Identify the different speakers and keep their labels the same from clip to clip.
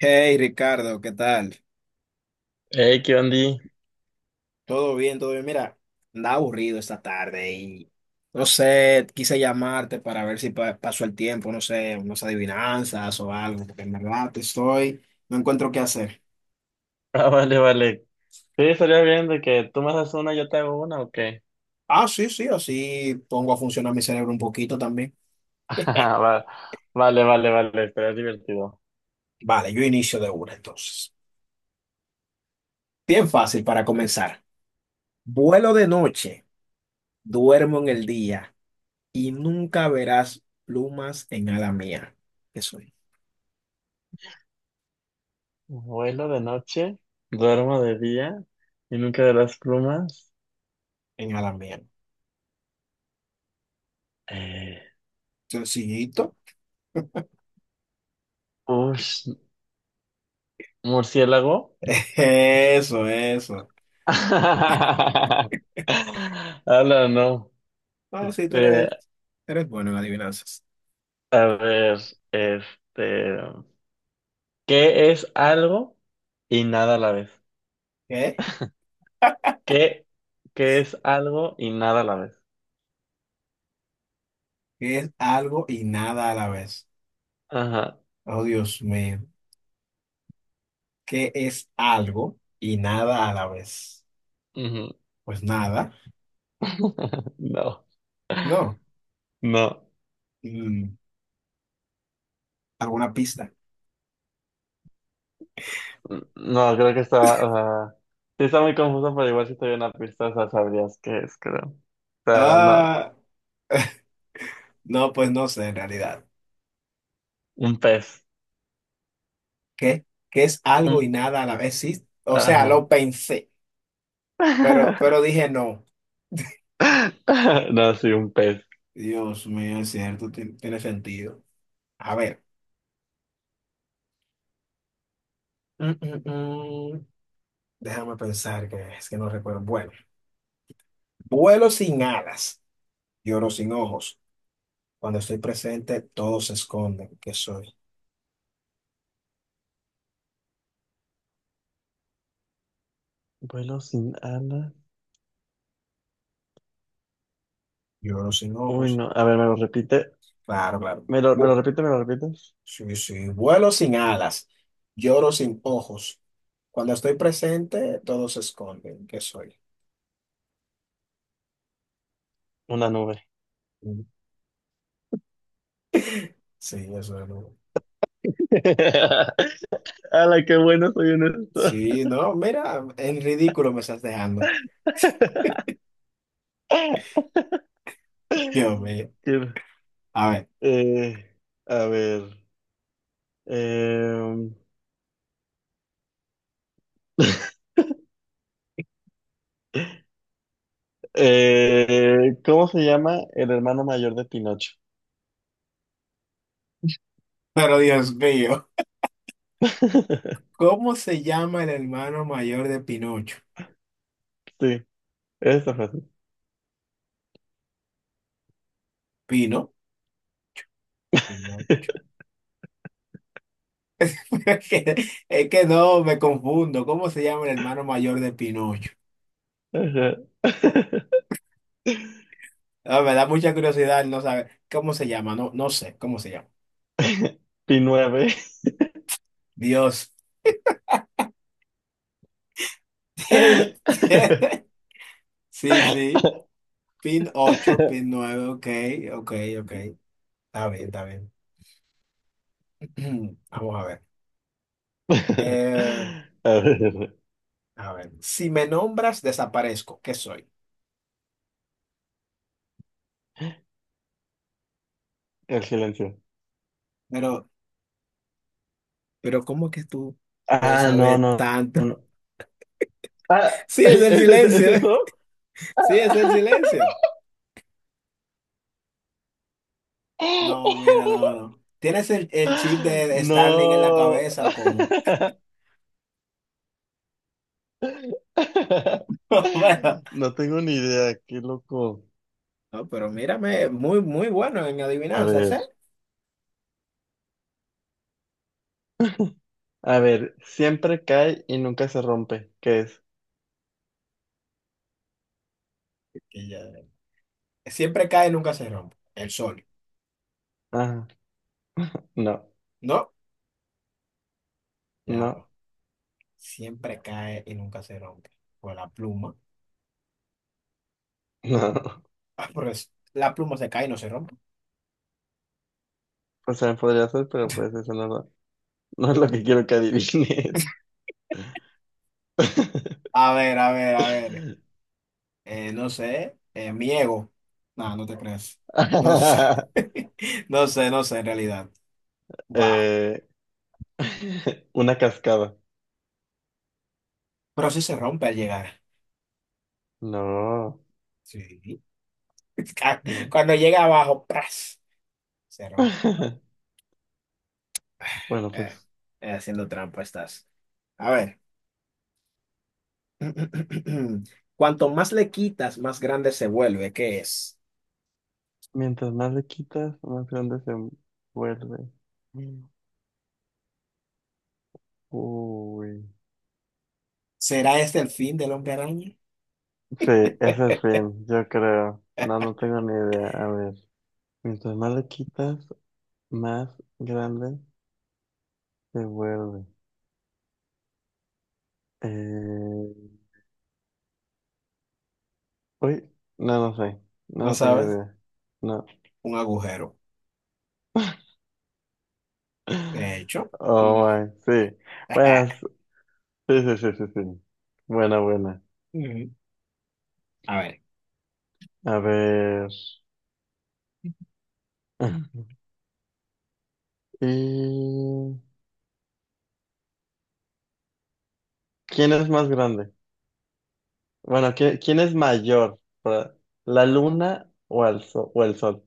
Speaker 1: Hey Ricardo, ¿qué tal?
Speaker 2: Hey, ¿qué onda?
Speaker 1: ¿Todo bien? ¿Todo bien? Mira, andaba aburrido esta tarde y no sé, quise llamarte para ver si pasó el tiempo, no sé, unas adivinanzas o algo, porque en verdad estoy, no encuentro qué hacer.
Speaker 2: Ah, vale, vale. Sí, estaría bien de que tú me haces una y yo te hago una, ¿o qué?
Speaker 1: Ah, sí, sí, así pongo a funcionar mi cerebro un poquito también.
Speaker 2: Ah, va- vale, vale, vale, estaría divertido.
Speaker 1: Vale, yo inicio de una entonces. Bien fácil para comenzar. Vuelo de noche, duermo en el día y nunca verás plumas en ala mía. ¿Qué soy?
Speaker 2: Vuelo de noche, duermo de día y nunca verás plumas.
Speaker 1: En ala mía.
Speaker 2: Eh,
Speaker 1: Sencillito.
Speaker 2: ush, murciélago.
Speaker 1: Eso, eso.
Speaker 2: Ala, no.
Speaker 1: No, sí, tú
Speaker 2: Eh,
Speaker 1: eres, eres bueno en adivinanzas.
Speaker 2: a ver, este, ¿qué es algo y nada a la vez?
Speaker 1: ¿Qué?
Speaker 2: ¿Qué, ¿qué es algo y nada a la vez?
Speaker 1: ¿Qué es algo y nada a la vez?
Speaker 2: Ajá.
Speaker 1: Oh, Dios mío. ¿Qué es algo y nada a la vez?
Speaker 2: Ujú.
Speaker 1: Pues nada.
Speaker 2: No,
Speaker 1: No.
Speaker 2: no,
Speaker 1: Mm, ¿Alguna pista?
Speaker 2: no, creo que está, o sea, sí está muy confuso, pero igual si te doy una pista, o sea, sabrías qué es, creo. O sea, no,
Speaker 1: Ah, no, pues no sé en realidad.
Speaker 2: un pez,
Speaker 1: ¿Qué? ¿Qué es algo y
Speaker 2: un,
Speaker 1: nada a la vez? Sí, o sea,
Speaker 2: ajá.
Speaker 1: lo pensé, pero, dije no.
Speaker 2: No, sí, un pez.
Speaker 1: Dios mío, es cierto, tiene sentido. A ver. Mm, mm, mm. Déjame pensar que es que no recuerdo. Bueno, vuelo sin alas, lloro sin ojos. Cuando estoy presente, todos se esconden. ¿Qué soy?
Speaker 2: Vuelo sin alas.
Speaker 1: Lloro sin
Speaker 2: Uy,
Speaker 1: ojos.
Speaker 2: no, a ver, me lo repite,
Speaker 1: Claro, claro.
Speaker 2: me lo
Speaker 1: Bu-
Speaker 2: repite, me lo repites.
Speaker 1: sí, sí. Vuelo sin alas, lloro sin ojos. Cuando estoy presente, todos se esconden. ¿Qué soy?
Speaker 2: Una nube.
Speaker 1: Mm, sí, eso es.
Speaker 2: ¡Hala, qué bueno soy en esto!
Speaker 1: Sí, no, mira, en ridículo me estás dejando. Dios mío.
Speaker 2: Qué-
Speaker 1: A ver,
Speaker 2: eh, a ver. Eh, ¿cómo se llama el hermano mayor de Pinocho?
Speaker 1: pero Dios mío, ¿cómo se llama el hermano mayor de Pinocho?
Speaker 2: Sí, eso fue así.
Speaker 1: Pino. Pinocho. Es que, no, me confundo. ¿Cómo se llama el hermano mayor de Pinocho?
Speaker 2: Ajá.
Speaker 1: Ah, me da mucha curiosidad no saber cómo se llama. No, no sé cómo se llama.
Speaker 2: Pinueve.
Speaker 1: Dios.
Speaker 2: A
Speaker 1: Sí, sí. Pin 8, pin 9, ok, ok, ok. Está bien, está bien. Vamos a ver. Eh,
Speaker 2: ver,
Speaker 1: a ver. Si me nombras, desaparezco. ¿Qué soy?
Speaker 2: el silencio.
Speaker 1: Pero, ¿cómo que tú puedes
Speaker 2: Ah, no,
Speaker 1: saber
Speaker 2: no,
Speaker 1: tanto?
Speaker 2: no. Ah,
Speaker 1: Sí, es el
Speaker 2: ¿es
Speaker 1: silencio.
Speaker 2: eso?
Speaker 1: Sí, es el silencio. No, mira, no, no. ¿Tienes el, chip de Starling en la
Speaker 2: No.
Speaker 1: cabeza o cómo? Bueno,
Speaker 2: No tengo ni idea, qué loco.
Speaker 1: no, pero mírame, muy, muy bueno en
Speaker 2: A
Speaker 1: adivinanzas,
Speaker 2: ver,
Speaker 1: ¿eh?
Speaker 2: a ver, siempre cae y nunca se rompe. ¿Qué es?
Speaker 1: Que ya- Siempre cae y nunca se rompe. El sol,
Speaker 2: Ah, no,
Speaker 1: ¿no? Ya
Speaker 2: no,
Speaker 1: va. Siempre cae y nunca se rompe. Pues la pluma.
Speaker 2: no.
Speaker 1: Ah, pero la pluma se cae y no se rompe.
Speaker 2: O sea, podría ser, pero pues eso no, lo- no es lo que quiero que adivines.
Speaker 1: A ver, a ver, a ver. No sé. Mi ego. No, no te creas. No sé. No sé, no sé en realidad. Wow.
Speaker 2: Eh, una cascada.
Speaker 1: Pero sí se rompe al llegar.
Speaker 2: No,
Speaker 1: Sí.
Speaker 2: no.
Speaker 1: Cuando llega abajo, ¡pras! Se rompe.
Speaker 2: Bueno,
Speaker 1: Eh,
Speaker 2: pues
Speaker 1: haciendo trampa estás. A ver. Cuanto más le quitas, más grande se vuelve. ¿Qué es?
Speaker 2: mientras más le quitas, más grande se vuelve. Uy.
Speaker 1: ¿Será este el fin del hombre araña?
Speaker 2: Sí, ese es el fin, yo creo. No, no tengo ni idea. A ver, mientras más le quitas, más grande se vuelve. Eh... Uy, no, no sé. No,
Speaker 1: No
Speaker 2: no tengo
Speaker 1: sabes.
Speaker 2: idea. No.
Speaker 1: Un agujero. De hecho,
Speaker 2: Oh,
Speaker 1: mm.
Speaker 2: my, sí. Buenas. Sí, sí, sí, sí, sí. Buena, buena.
Speaker 1: Ujú. A ver.
Speaker 2: A ver. ¿Y quién es más grande? Bueno, ¿quién es mayor? Para- ¿la luna o el sol? O el sol.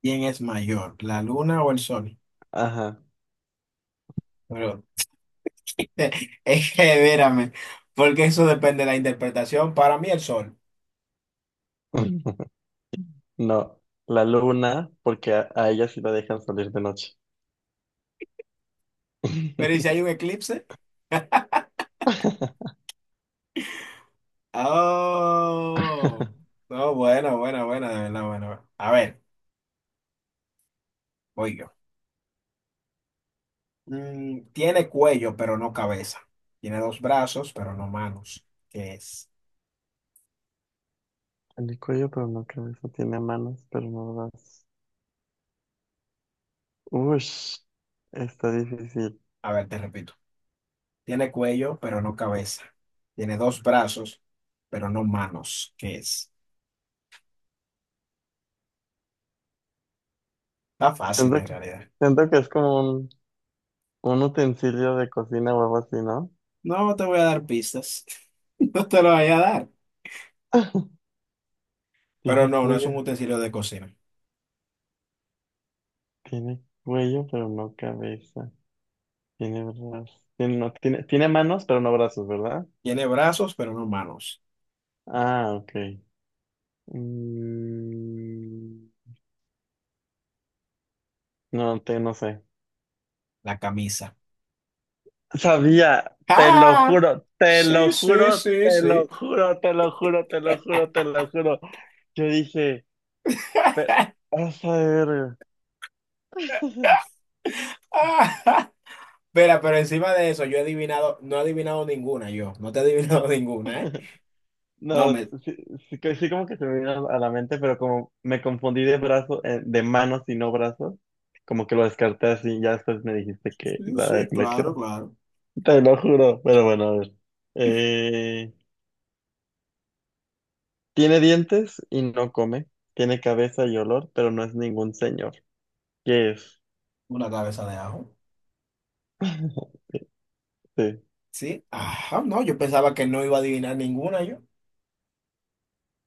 Speaker 1: ¿Quién es mayor, la luna o el sol?
Speaker 2: Ajá.
Speaker 1: Pero es que, vérame, porque eso depende de la interpretación. Para mí, el sol.
Speaker 2: No, la luna, porque a ella sí la dejan salir de noche.
Speaker 1: Pero ¿y si hay un eclipse? Oh, no, buena, buena, buena, de verdad, buena. Buena. A ver, voy yo. Tiene cuello, pero no cabeza. Tiene dos brazos, pero no manos. ¿Qué es?
Speaker 2: El cuello, pero no cabeza, tiene manos, pero no brazos. Ush, está difícil.
Speaker 1: A ver, te repito. Tiene cuello, pero no cabeza. Tiene dos brazos, pero no manos. ¿Qué es? Está fácil
Speaker 2: Siento
Speaker 1: en
Speaker 2: que,
Speaker 1: realidad.
Speaker 2: siento que es como un utensilio de cocina o algo así, ¿no?
Speaker 1: No te voy a dar pistas. No te lo voy a dar. Pero
Speaker 2: Tiene
Speaker 1: no, no es un
Speaker 2: cuello,
Speaker 1: utensilio de cocina.
Speaker 2: tiene cuello, pero no cabeza. Tiene brazos. Tiene manos, pero no brazos, ¿verdad?
Speaker 1: Tiene brazos, pero no manos.
Speaker 2: Ah, ok. Mm, no sé.
Speaker 1: La camisa.
Speaker 2: Sabía, te lo
Speaker 1: ¡Ah!
Speaker 2: juro, te lo
Speaker 1: Sí, sí,
Speaker 2: juro,
Speaker 1: sí,
Speaker 2: te
Speaker 1: sí.
Speaker 2: lo juro, te lo juro, te lo juro, te lo juro. Yo dije, pero, a ver.
Speaker 1: Espera, pero encima de eso, yo he adivinado, no he adivinado ninguna, yo. No te he adivinado ninguna, ¿eh? No,
Speaker 2: No,
Speaker 1: me.
Speaker 2: sí, sí, que- sí como que se me vino a la mente, pero como me confundí de brazo, de manos y no brazos, como que lo descarté así, ya después me dijiste que
Speaker 1: Sí, sí,
Speaker 2: la que
Speaker 1: claro,
Speaker 2: era.
Speaker 1: claro.
Speaker 2: Te lo juro, pero bueno, a ver. Eh, tiene dientes y no come, tiene cabeza y olor, pero no es ningún señor. ¿Qué es?
Speaker 1: Una cabeza de ajo.
Speaker 2: Sí.
Speaker 1: Sí, ajá, no, yo pensaba que no iba a adivinar ninguna, yo.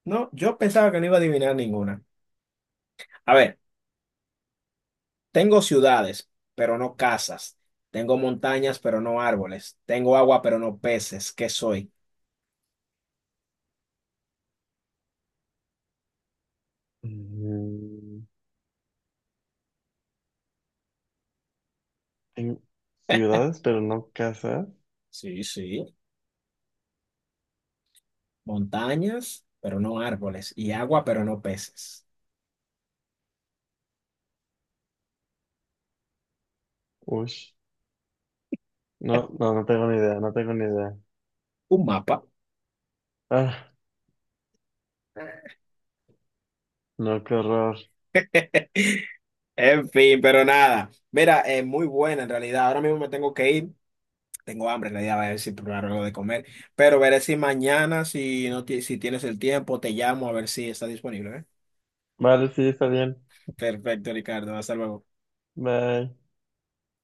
Speaker 1: No, yo pensaba que no iba a adivinar ninguna. A ver, tengo ciudades, pero no casas. Tengo montañas, pero no árboles. Tengo agua, pero no peces. ¿Qué soy?
Speaker 2: Mm, tengo ciudades, pero no casas.
Speaker 1: Sí, sí. Montañas, pero no árboles. Y agua, pero no peces.
Speaker 2: Ush. No, no, no tengo ni idea, no tengo ni idea.
Speaker 1: Un mapa.
Speaker 2: Ah, no, qué horror.
Speaker 1: En fin, pero nada. Mira, es muy buena en realidad. Ahora mismo me tengo que ir. Tengo hambre, en realidad, voy a ver si probar algo de comer. Pero veré si mañana, si no si tienes el tiempo, te llamo a ver si está disponible, ¿eh?
Speaker 2: Vale, sí, está bien.
Speaker 1: Perfecto, Ricardo. Hasta luego.
Speaker 2: Bye.